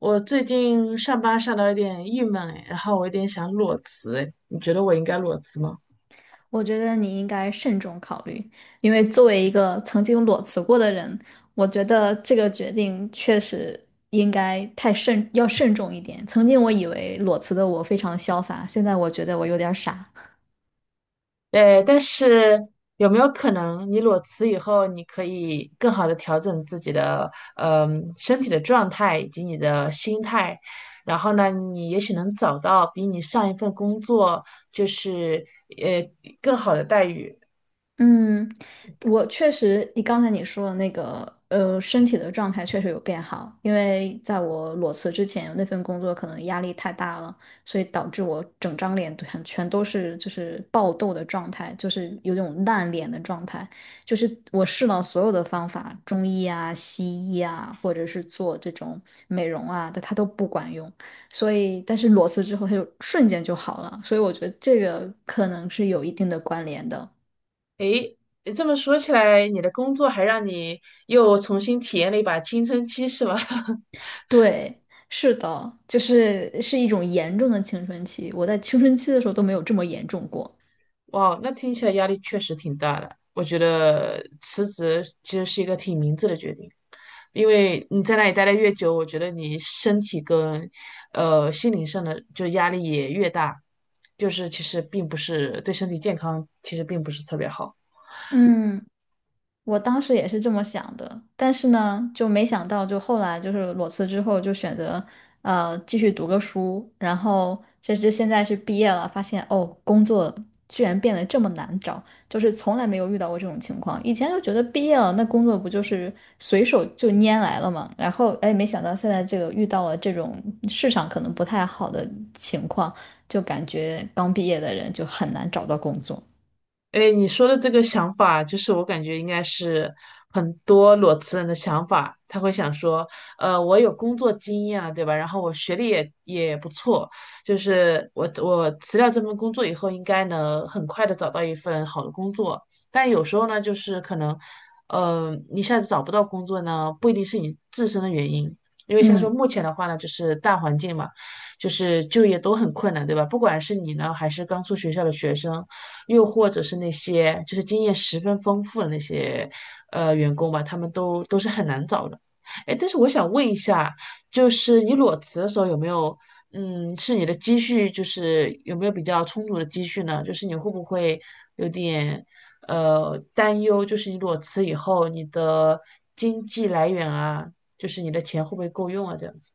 我最近上班上到有点郁闷哎，然后我有点想裸辞哎，你觉得我应该裸辞吗？我觉得你应该慎重考虑，因为作为一个曾经裸辞过的人，我觉得这个决定确实应该太慎，要慎重一点。曾经我以为裸辞的我非常潇洒，现在我觉得我有点儿傻。哎，但是有没有可能你裸辞以后，你可以更好的调整自己的身体的状态以及你的心态，然后呢，你也许能找到比你上一份工作就是呃更好的待遇。嗯，我确实，你刚才说的那个，身体的状态确实有变好，因为在我裸辞之前，那份工作可能压力太大了，所以导致我整张脸全都是爆痘的状态，就是有种烂脸的状态。就是我试了所有的方法，中医啊、西医啊，或者是做这种美容啊，但它都不管用。所以，但是裸辞之后，它就瞬间就好了，所以我觉得这个可能是有一定的关联的。诶这么说起来，你的工作还让你又重新体验了一把青春期是吧？对，是的，就是一种严重的青春期，我在青春期的时候都没有这么严重过。哇，那听起来压力确实挺大的。我觉得辞职其实是一个挺明智的决定，因为你在那里待得越久，我觉得你身体跟心灵上的就压力也越大，就是其实并不是对身体健康其实并不是特别好。嗯，我当时也是这么想的，但是呢，就没想到，就后来就是裸辞之后，就选择继续读个书，然后甚至现在是毕业了，发现哦，工作居然变得这么难找，就是从来没有遇到过这种情况。以前就觉得毕业了，那工作不就是随手就拈来了嘛，然后哎，没想到现在这个遇到了这种市场可能不太好的情况，就感觉刚毕业的人就很难找到工作。哎，你说的这个想法，就是我感觉应该是很多裸辞人的想法。他会想说，我有工作经验了，对吧？然后我学历也不错，就是我辞掉这份工作以后，应该能很快的找到一份好的工作。但有时候呢，就是可能，一下子找不到工作呢，不一定是你自身的原因，因为像说嗯。目前的话呢，就是大环境嘛，就是就业都很困难，对吧？不管是你呢，还是刚出学校的学生。又或者是那些就是经验十分丰富的那些员工吧，他们都是很难找的。哎，但是我想问一下，就是你裸辞的时候有没有，是你的积蓄，就是有没有比较充足的积蓄呢？就是你会不会有点担忧，就是你裸辞以后你的经济来源啊，就是你的钱会不会够用啊？这样子。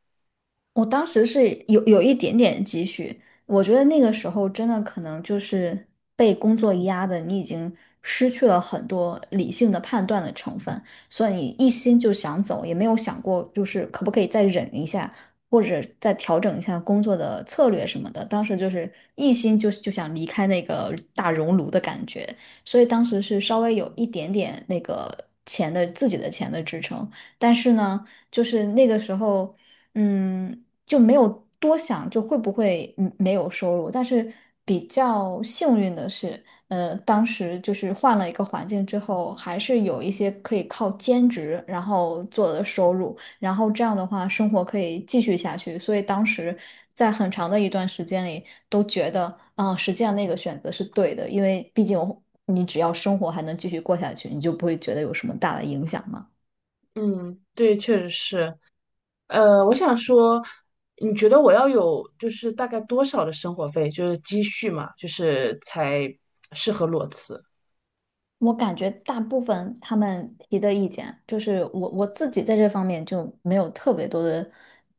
我当时是有一点点积蓄，我觉得那个时候真的可能就是被工作压的，你已经失去了很多理性的判断的成分，所以你一心就想走，也没有想过就是可不可以再忍一下，或者再调整一下工作的策略什么的。当时就是一心就想离开那个大熔炉的感觉，所以当时是稍微有一点点那个钱的自己的钱的支撑，但是呢，就是那个时候。嗯，就没有多想，就会不会没有收入。但是比较幸运的是，当时就是换了一个环境之后，还是有一些可以靠兼职然后做的收入，然后这样的话生活可以继续下去。所以当时在很长的一段时间里都觉得，啊、实际上那个选择是对的，因为毕竟你只要生活还能继续过下去，你就不会觉得有什么大的影响嘛。嗯，对，确实是。我想说，你觉得我要有就是大概多少的生活费，就是积蓄嘛，就是才适合裸辞？我感觉大部分他们提的意见，就是我自己在这方面就没有特别多的，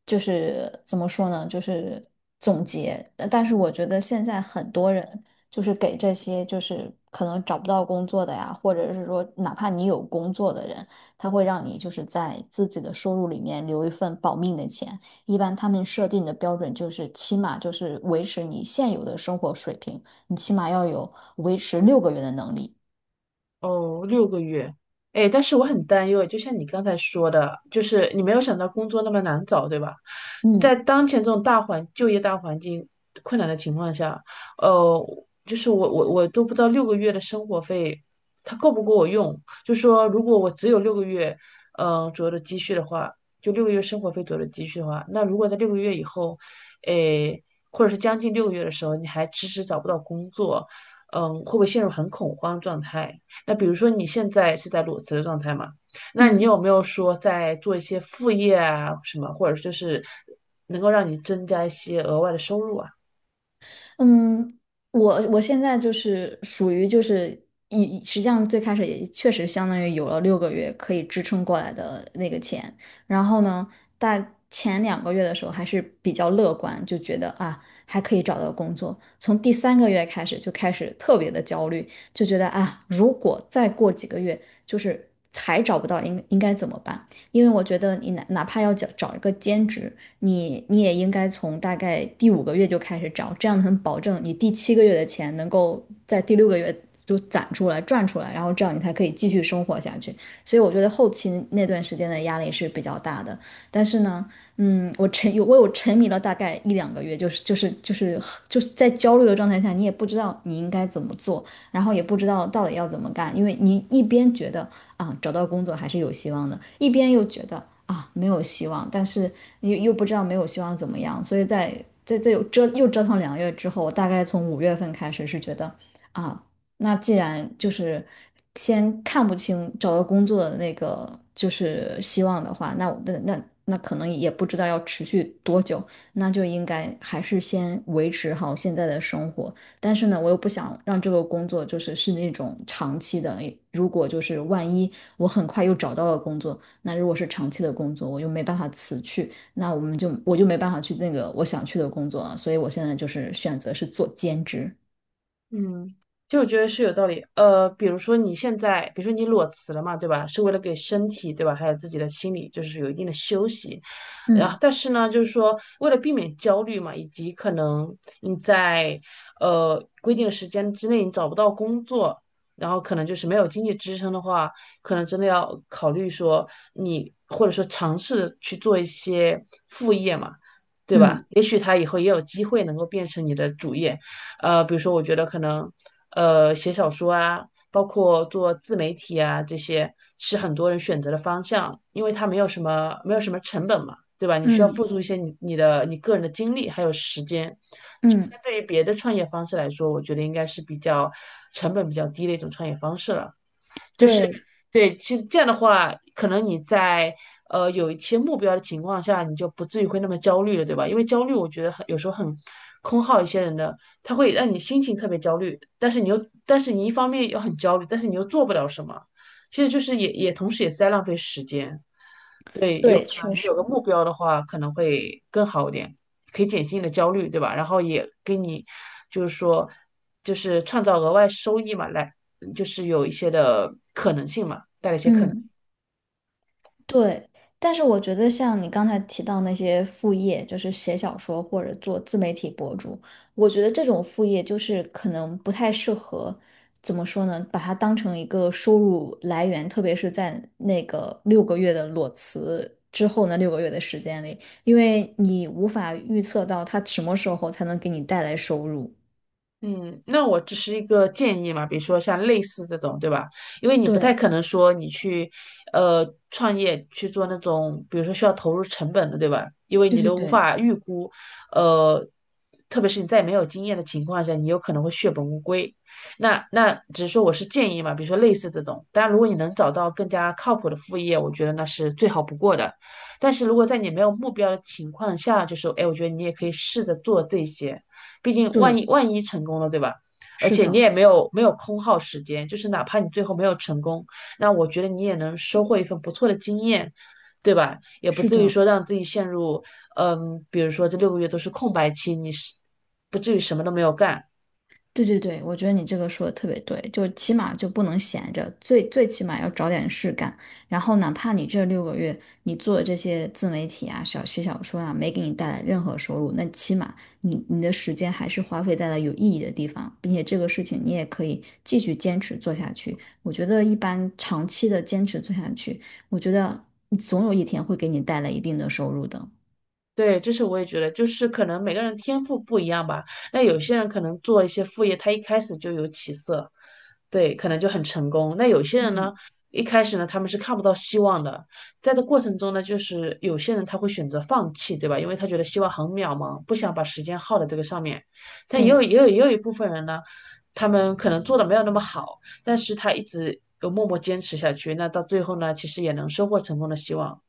就是怎么说呢，就是总结。但是我觉得现在很多人就是给这些就是可能找不到工作的呀，或者是说哪怕你有工作的人，他会让你就是在自己的收入里面留一份保命的钱。一般他们设定的标准就是起码就是维持你现有的生活水平，你起码要有维持六个月的能力。哦，六个月，哎，但是我很担忧，就像你刚才说的，就是你没有想到工作那么难找，对吧？嗯，在当前这种就业大环境困难的情况下，呃，就是我都不知道六个月的生活费它够不够我用。就说如果我只有六个月，左右的积蓄的话，就六个月生活费左右的积蓄的话，那如果在六个月以后，哎，或者是将近六个月的时候，你还迟迟找不到工作，会不会陷入很恐慌状态？那比如说你现在是在裸辞的状态嘛？那你嗯有没有说在做一些副业啊什么，或者就是能够让你增加一些额外的收入啊？嗯，我现在就是属于就是实际上最开始也确实相当于有了六个月可以支撑过来的那个钱，然后呢，但前两个月的时候还是比较乐观，就觉得啊还可以找到工作，从第三个月开始就开始特别的焦虑，就觉得啊如果再过几个月就是还找不到应该怎么办？因为我觉得你哪怕要找一个兼职。你也应该从大概第五个月就开始找，这样能保证你第七个月的钱能够在第六个月就攒出来赚出来，然后这样你才可以继续生活下去。所以我觉得后期那段时间的压力是比较大的，但是呢，我有沉迷了大概一两个月，就是在焦虑的状态下，你也不知道你应该怎么做。然后也不知道到底要怎么干，因为你一边觉得啊找到工作还是有希望的，一边又觉得啊没有希望，但是又不知道没有希望怎么样，所以在这又折腾两个月之后，我大概从5月份开始是觉得啊，那既然就是先看不清找到工作的那个就是希望的话，那我那那那可能也不知道要持续多久，那就应该还是先维持好现在的生活，但是呢，我又不想让这个工作就是那种长期的。如果就是万一我很快又找到了工作，那如果是长期的工作，我又没办法辞去，那我就没办法去那个我想去的工作了，所以我现在就是选择是做兼职。嗯，就我觉得是有道理。比如说你现在，比如说你裸辞了嘛，对吧？是为了给身体，对吧？还有自己的心理，就是有一定的休息。然后，嗯但是呢，就是说为了避免焦虑嘛，以及可能你在规定的时间之内你找不到工作，然后可能就是没有经济支撑的话，可能真的要考虑说你或者说尝试去做一些副业嘛，对吧？嗯也许他以后也有机会能够变成你的主业。比如说我觉得可能写小说啊，包括做自媒体啊这些是很多人选择的方向，因为它没有什么成本嘛，对吧？你需要嗯付出一些你个人的精力还有时间。嗯，相对于别的创业方式来说，我觉得应该是比较成本比较低的一种创业方式了。就是对对，其实这样的话，可能你在有一些目标的情况下，你就不至于会那么焦虑了，对吧？因为焦虑，我觉得有时候很空耗一些人的，他会让你心情特别焦虑，但是你一方面又很焦虑，但是你又做不了什么，其实就是也同时也是在浪费时间。对，啊确你有实，个目标的话，可能会更好一点，可以减轻你的焦虑，对吧？然后也给你，就是说，就是创造额外收益嘛，来，就是有一些的可能性嘛，带来一些可能。嗯。对，但是我觉得像你刚才提到那些副业，就是写小说或者做自媒体博主，我觉得这种副业就是可能不太适合，怎么说呢？把它当成一个收入来源，特别是在那个六个月的裸辞之后那六个月的时间里，因为你无法预测到它什么时候才能给你带来收入。嗯，那我只是一个建议嘛，比如说像类似这种，对吧？因为你不太对，可能说你去，创业去做那种，比如说需要投入成本的，对吧？因为对你对都无对法预估，呃，特别是你在没有经验的情况下，你有可能会血本无归。那只是说我是建议嘛，比如说类似这种。当然，如果你能找到更加靠谱的副业，我觉得那是最好不过的。但是如果在你没有目标的情况下，就是，哎，我觉得你也可以试着做这些。毕竟万一对，万一成功了，对吧？而是且你的，也没有空耗时间，就是哪怕你最后没有成功，那我觉得你也能收获一份不错的经验，对吧？也不是至于的。说让自己陷入，比如说这六个月都是空白期，你是不至于什么都没有干，对对对，我觉得你这个说的特别对，就起码就不能闲着，最最起码要找点事干。然后哪怕你这六个月你做的这些自媒体啊、小写小说啊，没给你带来任何收入，那起码你的时间还是花费在了有意义的地方，并且这个事情你也可以继续坚持做下去。我觉得一般长期的坚持做下去，我觉得总有一天会给你带来一定的收入的。对，这是我也觉得，就是可能每个人天赋不一样吧。那有些人可能做一些副业，他一开始就有起色，对，可能就很成功。那有些人呢，一开始呢，他们是看不到希望的，在这过程中呢，就是有些人他会选择放弃，对吧？因为他觉得希望很渺茫，不想把时间耗在这个上面。但也有对，也有也有一部分人呢，他们可能做的没有那么好，但是他一直有默默坚持下去，那到最后呢，其实也能收获成功的希望。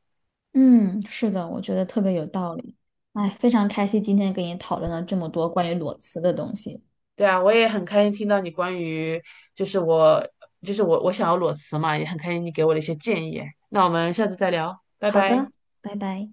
嗯，是的，我觉得特别有道理。哎，非常开心今天跟你讨论了这么多关于裸辞的东西。对啊，我也很开心听到你关于就是我就是我想要裸辞嘛，也很开心你给我的一些建议。那我们下次再聊，拜好拜。的，拜拜。